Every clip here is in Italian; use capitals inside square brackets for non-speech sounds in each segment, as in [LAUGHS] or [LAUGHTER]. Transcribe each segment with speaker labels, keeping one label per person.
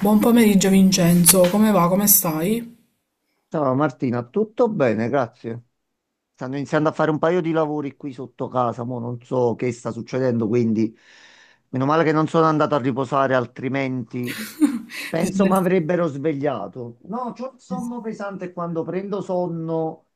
Speaker 1: Buon pomeriggio Vincenzo, come va? Come stai?
Speaker 2: Ciao Martina, tutto bene, grazie. Stanno iniziando a fare un paio di lavori qui sotto casa, mo non so che sta succedendo, quindi meno male che non sono andato a riposare, altrimenti
Speaker 1: Ti
Speaker 2: penso mi
Speaker 1: sei-
Speaker 2: avrebbero svegliato. No, c'ho il sonno pesante e quando prendo sonno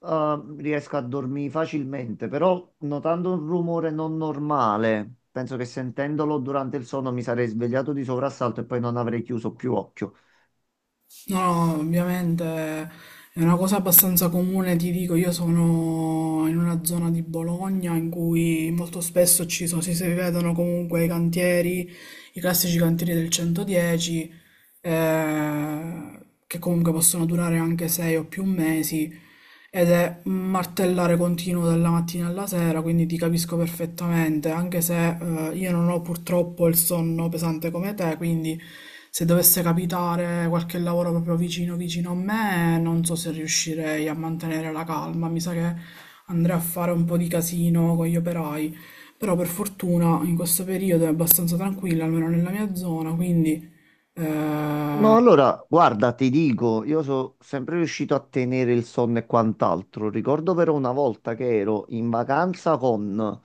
Speaker 2: riesco a dormire facilmente, però notando un rumore non normale, penso che sentendolo durante il sonno mi sarei svegliato di soprassalto e poi non avrei chiuso più occhio.
Speaker 1: No, no, ovviamente è una cosa abbastanza comune, ti dico, io sono in una zona di Bologna in cui molto spesso ci sono, si vedono comunque i cantieri, i classici cantieri del 110 eh, che comunque possono durare anche sei o più mesi, ed è un martellare continuo dalla mattina alla sera, quindi ti capisco perfettamente, anche se io non ho purtroppo il sonno pesante come te, quindi se dovesse capitare qualche lavoro proprio vicino a me, non so se riuscirei a mantenere la calma, mi sa che andrei a fare un po' di casino con gli operai. Però per fortuna in questo periodo è abbastanza tranquilla, almeno nella mia zona, quindi
Speaker 2: No,
Speaker 1: eh,
Speaker 2: allora, guarda, ti dico, io sono sempre riuscito a tenere il sonno e quant'altro. Ricordo però una volta che ero in vacanza con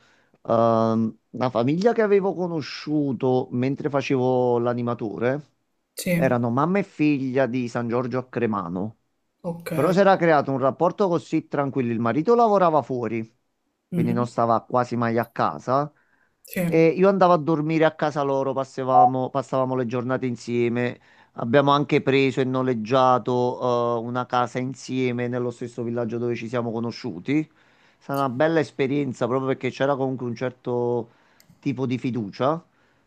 Speaker 2: una famiglia che avevo conosciuto mentre facevo l'animatore.
Speaker 1: sì,
Speaker 2: Erano mamma e figlia di San Giorgio a Cremano.
Speaker 1: ok.
Speaker 2: Però si era creato un rapporto così tranquillo. Il marito lavorava fuori, quindi non
Speaker 1: Mhm.
Speaker 2: stava quasi mai a casa.
Speaker 1: Sì.
Speaker 2: E io andavo a dormire a casa loro, passavamo le giornate insieme. Abbiamo anche preso e noleggiato, una casa insieme nello stesso villaggio dove ci siamo conosciuti. È stata una bella esperienza proprio perché c'era comunque un certo tipo di fiducia.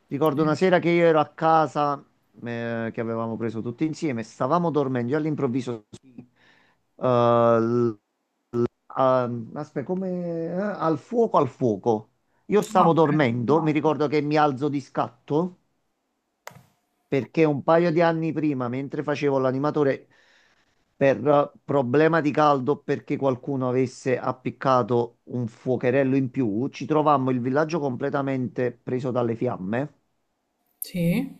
Speaker 2: Ricordo una sera che io ero a casa, che avevamo preso tutti insieme, stavamo dormendo, io all'improvviso eh, aspetta, come al fuoco, al fuoco. Io
Speaker 1: Ah,
Speaker 2: stavo
Speaker 1: ok.
Speaker 2: dormendo, mi No. Ricordo che mi alzo di scatto perché un paio di anni prima, mentre facevo l'animatore, per problema di caldo, perché qualcuno avesse appiccato un fuocherello in più, ci trovammo il villaggio completamente preso dalle fiamme.
Speaker 1: Sì.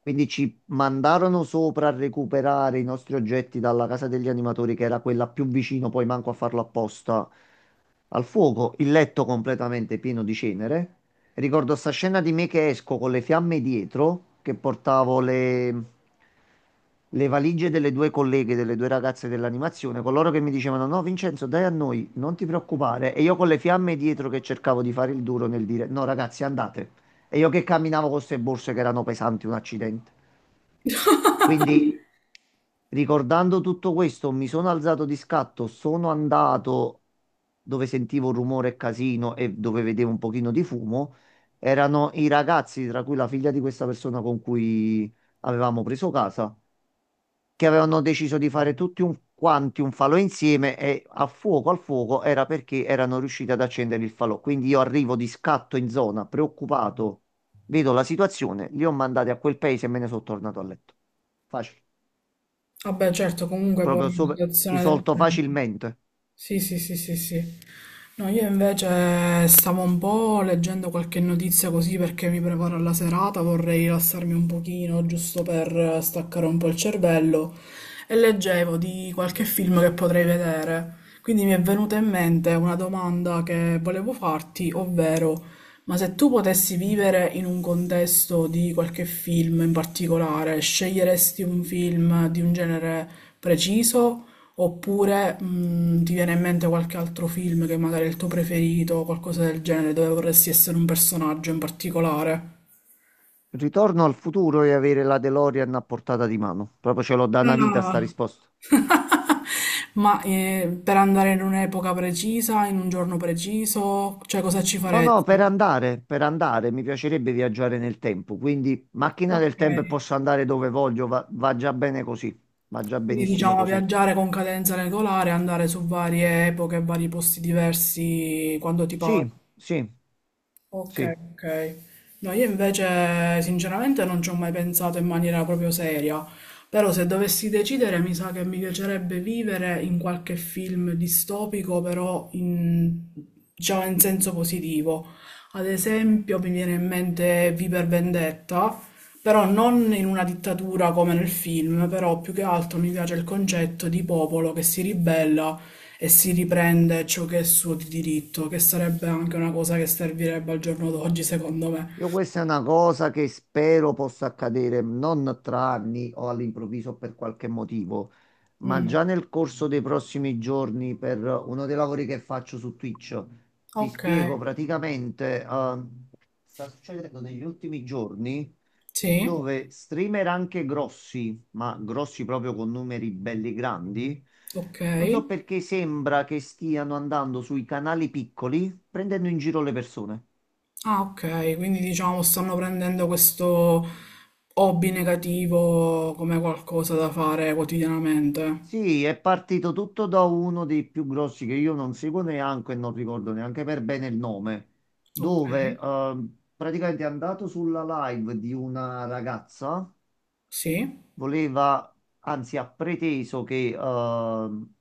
Speaker 2: Quindi ci mandarono sopra a recuperare i nostri oggetti dalla casa degli animatori, che era quella più vicino, poi manco a farlo apposta, al fuoco, il letto completamente pieno di cenere. Ricordo sta scena di me che esco con le fiamme dietro, che portavo le valigie delle due colleghe, delle due ragazze dell'animazione, coloro che mi dicevano: No, Vincenzo, dai a noi, non ti preoccupare. E io con le fiamme dietro che cercavo di fare il duro nel dire: No, ragazzi, andate. E io che camminavo con queste borse che erano pesanti, un accidente. Quindi, ricordando tutto questo, mi sono alzato di scatto, sono andato dove sentivo rumore e casino e dove vedevo un pochino di fumo. Erano i ragazzi, tra cui la figlia di questa persona con cui avevamo preso casa che avevano deciso di fare tutti un, quanti un falò insieme e a fuoco al fuoco era perché erano riusciti ad accendere il falò. Quindi io arrivo di scatto in zona, preoccupato, vedo la situazione, li ho mandati a quel paese e me ne sono tornato a letto. Facile,
Speaker 1: Vabbè, certo, comunque poi
Speaker 2: proprio
Speaker 1: in
Speaker 2: sopra-
Speaker 1: situazione del
Speaker 2: risolto
Speaker 1: genere.
Speaker 2: facilmente.
Speaker 1: Sì, sì, sì, sì, sì. No, io invece stavo un po' leggendo qualche notizia così perché mi preparo alla serata, vorrei rilassarmi un pochino, giusto per staccare un po' il cervello, e leggevo di qualche film che potrei vedere. Quindi mi è venuta in mente una domanda che volevo farti, ovvero, ma se tu potessi vivere in un contesto di qualche film in particolare, sceglieresti un film di un genere preciso? Oppure, ti viene in mente qualche altro film che magari è il tuo preferito o qualcosa del genere, dove vorresti essere un personaggio in particolare?
Speaker 2: Ritorno al futuro e avere la DeLorean a portata di mano. Proprio ce l'ho da una vita
Speaker 1: Ah.
Speaker 2: sta risposta.
Speaker 1: [LAUGHS] Ma per andare in un'epoca precisa, in un giorno preciso, cioè cosa ci
Speaker 2: No, no, per
Speaker 1: faresti?
Speaker 2: andare, per andare, mi piacerebbe viaggiare nel tempo, quindi macchina del
Speaker 1: Ok,
Speaker 2: tempo e posso andare dove voglio, va, va già bene così, va già
Speaker 1: quindi
Speaker 2: benissimo
Speaker 1: diciamo
Speaker 2: così.
Speaker 1: viaggiare con cadenza regolare, andare su varie epoche, vari posti diversi quando ti pare.
Speaker 2: Sì, sì, sì.
Speaker 1: Ok, ok. No, io invece sinceramente non ci ho mai pensato in maniera proprio seria, però se dovessi decidere mi sa che mi piacerebbe vivere in qualche film distopico, però in, diciamo in senso positivo. Ad esempio mi viene in mente Viver Vendetta, però non in una dittatura come nel film, però più che altro mi piace il concetto di popolo che si ribella e si riprende ciò che è suo di diritto, che sarebbe anche una cosa che servirebbe al giorno d'oggi, secondo me.
Speaker 2: Io questa è una cosa che spero possa accadere non tra anni o all'improvviso per qualche motivo, ma
Speaker 1: Mm,
Speaker 2: già nel corso dei prossimi giorni per uno dei lavori che faccio su Twitch. Ti
Speaker 1: ok,
Speaker 2: spiego praticamente, sta succedendo negli ultimi giorni
Speaker 1: sì,
Speaker 2: dove streamer anche grossi, ma grossi proprio con numeri belli grandi,
Speaker 1: ok.
Speaker 2: non so perché sembra che stiano andando sui canali piccoli prendendo in giro le persone.
Speaker 1: Ah, ok, quindi diciamo stanno prendendo questo hobby negativo come qualcosa da fare quotidianamente.
Speaker 2: Sì, è partito tutto da uno dei più grossi che io non seguo neanche e non ricordo neanche per bene il nome,
Speaker 1: Ok,
Speaker 2: dove praticamente è andato sulla live di una ragazza
Speaker 1: sì,
Speaker 2: voleva, anzi ha preteso che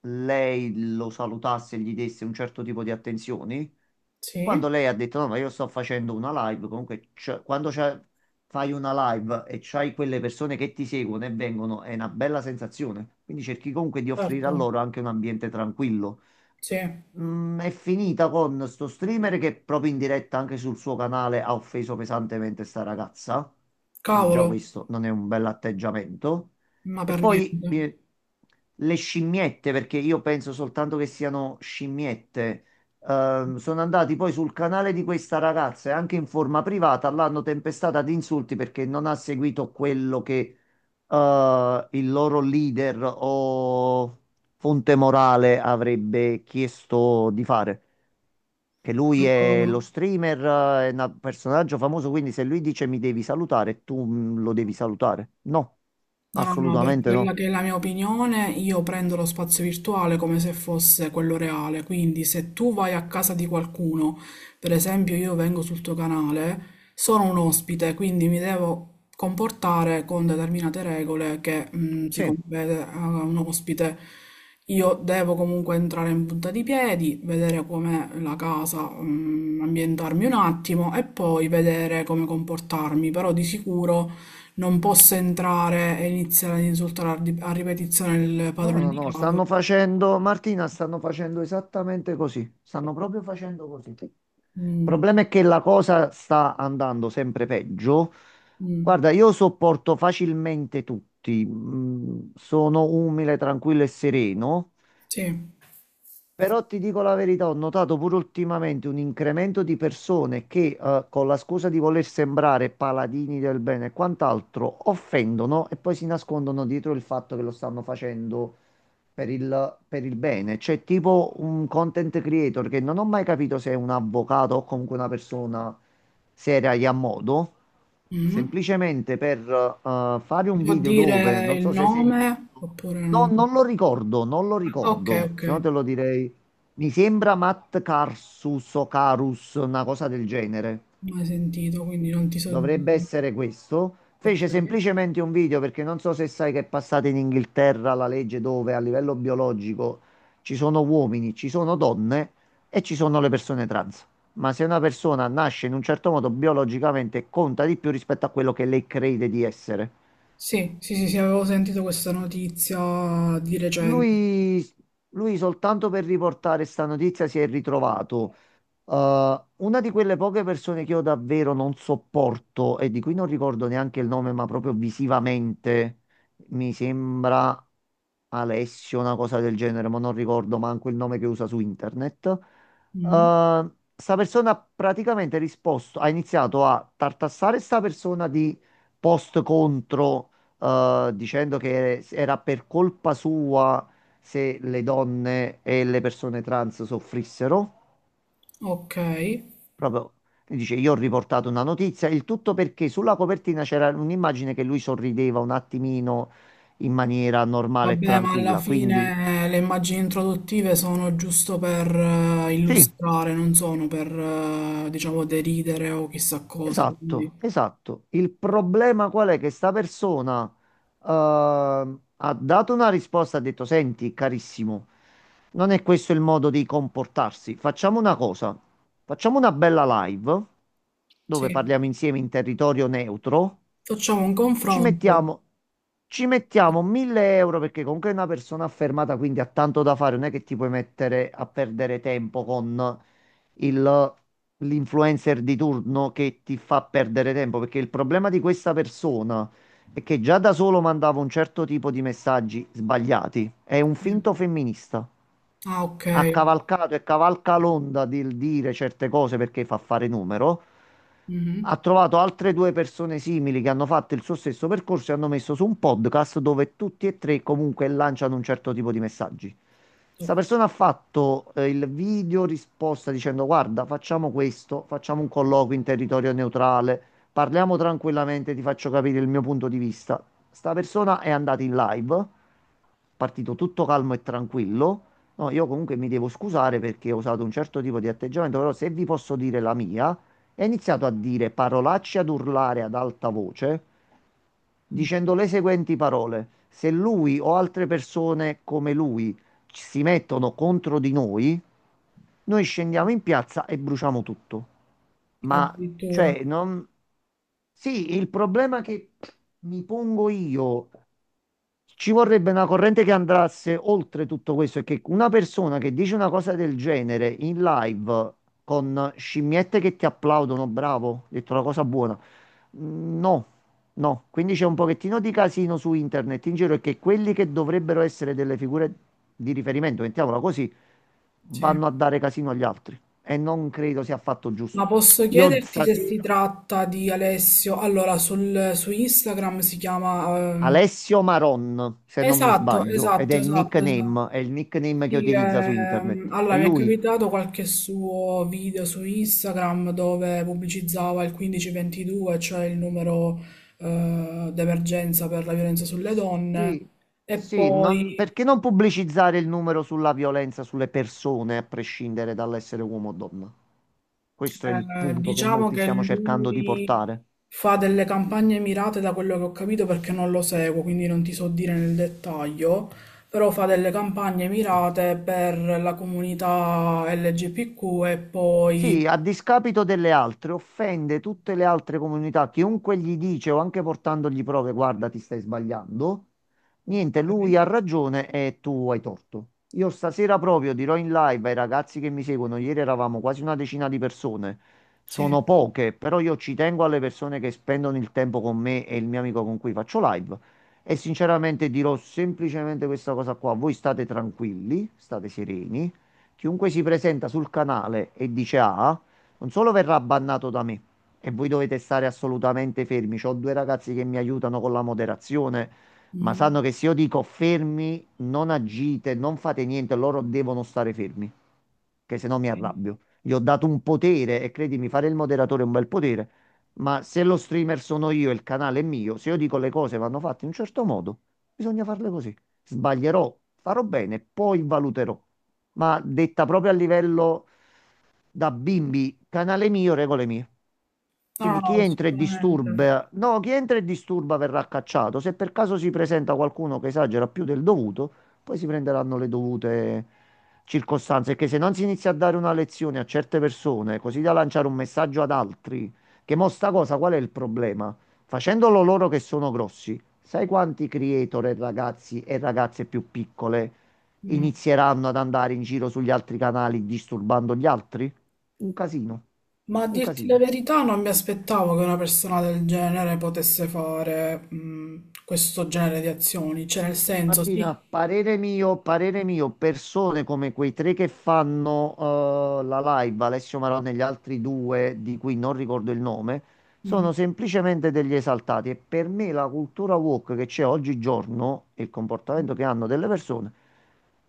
Speaker 2: lei lo salutasse e gli desse un certo tipo di attenzioni.
Speaker 1: sì,
Speaker 2: Quando lei ha detto no, ma io sto facendo una live, comunque quando fai una live e c'hai quelle persone che ti seguono e vengono, è una bella sensazione. Quindi cerchi comunque di offrire a
Speaker 1: certo,
Speaker 2: loro anche un ambiente tranquillo.
Speaker 1: sì.
Speaker 2: Mm, è finita con sto streamer che proprio in diretta anche sul suo canale ha offeso pesantemente sta ragazza. Quindi già
Speaker 1: Cavolo.
Speaker 2: questo non è un bell'atteggiamento.
Speaker 1: Ma
Speaker 2: E
Speaker 1: per
Speaker 2: poi
Speaker 1: niente.
Speaker 2: le scimmiette, perché io penso soltanto che siano scimmiette, sono andati poi sul canale di questa ragazza e anche in forma privata l'hanno tempestata di insulti perché non ha seguito quello che il loro leader o Fonte Morale avrebbe chiesto di fare. Che lui è
Speaker 1: Allora.
Speaker 2: lo streamer, è un personaggio famoso, quindi se lui dice mi devi salutare, tu lo devi salutare. No,
Speaker 1: No, no, no, per
Speaker 2: assolutamente
Speaker 1: quella
Speaker 2: no.
Speaker 1: che è la mia opinione, io prendo lo spazio virtuale come se fosse quello reale, quindi se tu vai a casa di qualcuno, per esempio io vengo sul tuo canale, sono un ospite, quindi mi devo comportare con determinate regole che si
Speaker 2: Sì,
Speaker 1: compete a un ospite. Io devo comunque entrare in punta di piedi, vedere com'è la casa, ambientarmi un attimo e poi vedere come comportarmi, però di sicuro... Non posso entrare e iniziare ad insultare a ripetizione il
Speaker 2: no,
Speaker 1: padrone
Speaker 2: no,
Speaker 1: di
Speaker 2: no,
Speaker 1: casa.
Speaker 2: stanno facendo, Martina, stanno facendo esattamente così. Stanno proprio facendo così. Il
Speaker 1: Mm,
Speaker 2: problema è che la cosa sta andando sempre peggio.
Speaker 1: mm,
Speaker 2: Guarda, io sopporto facilmente tutti, sono umile, tranquillo e sereno.
Speaker 1: sì.
Speaker 2: Però ti dico la verità, ho notato pure ultimamente un incremento di persone che, con la scusa di voler sembrare paladini del bene e quant'altro, offendono e poi si nascondono dietro il fatto che lo stanno facendo per il bene. C'è tipo un content creator che non ho mai capito se è un avvocato o comunque una persona seria e a modo,
Speaker 1: Mm.
Speaker 2: semplicemente per fare un
Speaker 1: Può
Speaker 2: video dove,
Speaker 1: dire
Speaker 2: non
Speaker 1: il
Speaker 2: so se hai sentito,
Speaker 1: nome oppure
Speaker 2: no,
Speaker 1: no?
Speaker 2: non lo ricordo, non lo
Speaker 1: Ah, ok,
Speaker 2: ricordo,
Speaker 1: ok.
Speaker 2: se no te lo direi. Mi sembra Matt Carsus o Carus, una cosa del genere
Speaker 1: Mai sentito, quindi non ti so
Speaker 2: dovrebbe
Speaker 1: dire.
Speaker 2: essere questo. Fece
Speaker 1: Ok.
Speaker 2: semplicemente un video perché non so se sai che è passata in Inghilterra la legge dove a livello biologico ci sono uomini, ci sono donne e ci sono le persone trans. Ma se una persona nasce in un certo modo biologicamente conta di più rispetto a quello che lei crede di essere.
Speaker 1: Sì, sì, sì, sì, avevo sentito questa notizia di recente.
Speaker 2: Lui, lui soltanto per riportare sta notizia si è ritrovato. Una di quelle poche persone che io davvero non sopporto e di cui non ricordo neanche il nome, ma proprio visivamente mi sembra Alessio, una cosa del genere, ma non ricordo manco il nome che usa su internet.
Speaker 1: Mm.
Speaker 2: Sta persona ha praticamente risposto, ha iniziato a tartassare sta persona di post contro dicendo che era per colpa sua se le donne e le persone trans soffrissero.
Speaker 1: Ok.
Speaker 2: Proprio lui dice: Io ho riportato una notizia. Il tutto perché sulla copertina c'era un'immagine che lui sorrideva un attimino in maniera normale e
Speaker 1: Vabbè, ma alla
Speaker 2: tranquilla. Quindi,
Speaker 1: fine le immagini introduttive sono giusto per
Speaker 2: sì,
Speaker 1: illustrare, non sono per, diciamo, deridere o chissà cosa. Quindi,
Speaker 2: esatto, esatto. Il problema qual è? Che sta persona eh, ha dato una risposta, ha detto, senti, carissimo, non è questo il modo di comportarsi. Facciamo una cosa, facciamo una bella live
Speaker 1: sì,
Speaker 2: dove parliamo insieme in territorio neutro.
Speaker 1: facciamo un
Speaker 2: Ci
Speaker 1: confronto.
Speaker 2: mettiamo, ci mettiamo 1000 euro perché comunque è una persona affermata, quindi ha tanto da fare, non è che ti puoi mettere a perdere tempo con il- l'influencer di turno che ti fa perdere tempo, perché il problema di questa persona è che già da solo mandava un certo tipo di messaggi sbagliati, è un
Speaker 1: Sì.
Speaker 2: finto femminista,
Speaker 1: Ah, ok.
Speaker 2: ha cavalcato e cavalca l'onda del dire certe cose perché fa fare numero.
Speaker 1: Mhm.
Speaker 2: Ha trovato altre due persone simili che hanno fatto il suo stesso percorso e hanno messo su un podcast dove tutti e tre comunque lanciano un certo tipo di messaggi.
Speaker 1: Ok.
Speaker 2: Sta persona ha fatto il video risposta dicendo: Guarda, facciamo questo, facciamo un colloquio in territorio neutrale, parliamo tranquillamente, ti faccio capire il mio punto di vista. Sta persona è andata in live, partito tutto calmo e tranquillo. No, io comunque mi devo scusare perché ho usato un certo tipo di atteggiamento, però se vi posso dire la mia, è iniziato a dire parolacce, ad urlare ad alta voce, dicendo le seguenti parole. Se lui o altre persone come lui si mettono contro di noi, noi scendiamo in piazza e bruciamo tutto. Ma,
Speaker 1: Addirittura,
Speaker 2: cioè, non... Sì, il problema che mi pongo io, ci vorrebbe una corrente che andasse oltre tutto questo e che una persona che dice una cosa del genere in live con scimmiette che ti applaudono, bravo, hai detto una cosa buona. No, no. Quindi c'è un pochettino di casino su internet in giro e che quelli che dovrebbero essere delle figure di riferimento, mettiamola così,
Speaker 1: sì.
Speaker 2: vanno a dare casino agli altri. E non credo sia affatto
Speaker 1: Ma
Speaker 2: giusto.
Speaker 1: posso
Speaker 2: Io
Speaker 1: chiederti se si
Speaker 2: stasera
Speaker 1: tratta di Alessio? Allora, sul, su Instagram si chiama...
Speaker 2: Alessio Maron, se non mi
Speaker 1: Esatto,
Speaker 2: sbaglio, ed
Speaker 1: esatto, esatto, esatto.
Speaker 2: è il nickname che
Speaker 1: Sì,
Speaker 2: utilizza su internet. E
Speaker 1: allora mi è
Speaker 2: lui,
Speaker 1: capitato qualche suo video su Instagram dove pubblicizzava il 1522, cioè il numero d'emergenza per la violenza sulle donne,
Speaker 2: sì,
Speaker 1: e
Speaker 2: sì,
Speaker 1: poi
Speaker 2: perché non pubblicizzare il numero sulla violenza sulle persone, a prescindere dall'essere uomo o donna? Questo è il punto che
Speaker 1: diciamo
Speaker 2: molti
Speaker 1: che
Speaker 2: stiamo cercando di
Speaker 1: lui
Speaker 2: portare.
Speaker 1: fa delle campagne mirate da quello che ho capito perché non lo seguo, quindi non ti so dire nel dettaglio, però fa delle campagne mirate per la comunità LGBTQ e
Speaker 2: Sì,
Speaker 1: poi...
Speaker 2: a discapito delle altre, offende tutte le altre comunità. Chiunque gli dice o anche portandogli prove, guarda, ti stai sbagliando. Niente, lui ha ragione e tu hai torto. Io stasera proprio dirò in live ai ragazzi che mi seguono, ieri eravamo quasi una decina di persone.
Speaker 1: Sì.
Speaker 2: Sono poche, però io ci tengo alle persone che spendono il tempo con me e il mio amico con cui faccio live. E sinceramente dirò semplicemente questa cosa qua. Voi state tranquilli, state sereni. Chiunque si presenta sul canale e dice A, non solo verrà bannato da me, e voi dovete stare assolutamente fermi. C'ho due ragazzi che mi aiutano con la moderazione, ma
Speaker 1: Mm.
Speaker 2: sanno che se io dico fermi, non agite, non fate niente, loro devono stare fermi, che se no mi
Speaker 1: Sì.
Speaker 2: arrabbio. Gli ho dato un potere e credimi, fare il moderatore è un bel potere, ma se lo streamer sono io e il canale è mio, se io dico le cose vanno fatte in un certo modo, bisogna farle così. Sbaglierò, farò bene, poi valuterò, ma detta proprio a livello da bimbi, canale mio, regole mie.
Speaker 1: No,
Speaker 2: Quindi chi
Speaker 1: no,
Speaker 2: entra e
Speaker 1: sicuramente.
Speaker 2: disturba, no, chi entra e disturba verrà cacciato. Se per caso si presenta qualcuno che esagera più del dovuto, poi si prenderanno le dovute circostanze. Perché se non si inizia a dare una lezione a certe persone, così da lanciare un messaggio ad altri, che mo sta cosa, qual è il problema? Facendolo loro che sono grossi, sai quanti creator e ragazzi e ragazze più piccole
Speaker 1: Mm.
Speaker 2: inizieranno ad andare in giro sugli altri canali disturbando gli altri? Un casino,
Speaker 1: Ma a
Speaker 2: un
Speaker 1: dirti la
Speaker 2: casino.
Speaker 1: verità, non mi aspettavo che una persona del genere potesse fare questo genere di azioni, cioè nel senso, sì.
Speaker 2: Martina, parere mio, persone come quei tre che fanno la live, Alessio Marone e gli altri due di cui non ricordo il nome, sono
Speaker 1: Mm.
Speaker 2: semplicemente degli esaltati e per me la cultura woke che c'è oggigiorno e il comportamento che hanno delle persone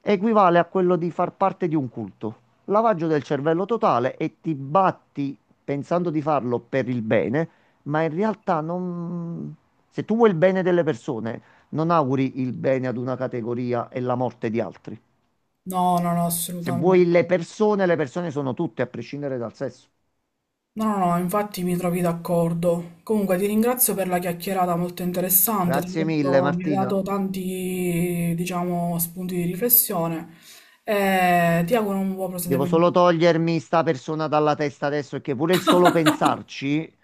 Speaker 2: equivale a quello di far parte di un culto. Lavaggio del cervello totale e ti batti pensando di farlo per il bene, ma in realtà non... Se tu vuoi il bene delle persone, non auguri il bene ad una categoria e la morte di altri.
Speaker 1: No, no, no,
Speaker 2: Se vuoi
Speaker 1: assolutamente.
Speaker 2: le persone sono tutte, a prescindere dal sesso.
Speaker 1: No, no, no, infatti mi trovi d'accordo. Comunque ti ringrazio per la chiacchierata molto interessante,
Speaker 2: Grazie mille,
Speaker 1: mi hai
Speaker 2: Martina.
Speaker 1: dato tanti, diciamo, spunti di riflessione e ti auguro un buon
Speaker 2: Devo solo
Speaker 1: proseguimento.
Speaker 2: togliermi sta persona dalla testa adesso, che pure il solo pensarci
Speaker 1: [LAUGHS]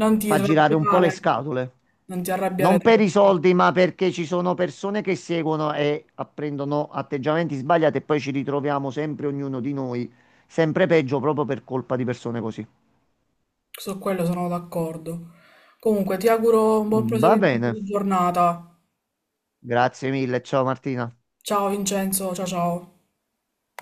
Speaker 1: Non ti
Speaker 2: fa girare un po' le
Speaker 1: arrabbiare,
Speaker 2: scatole.
Speaker 1: non ti arrabbiare
Speaker 2: Non per i
Speaker 1: troppo.
Speaker 2: soldi, ma perché ci sono persone che seguono e apprendono atteggiamenti sbagliati e poi ci ritroviamo sempre ognuno di noi, sempre peggio proprio per colpa di persone così.
Speaker 1: Su quello sono d'accordo. Comunque, ti auguro un buon
Speaker 2: Va
Speaker 1: proseguimento
Speaker 2: bene,
Speaker 1: di giornata.
Speaker 2: grazie mille, ciao Martina.
Speaker 1: Ciao Vincenzo, ciao ciao.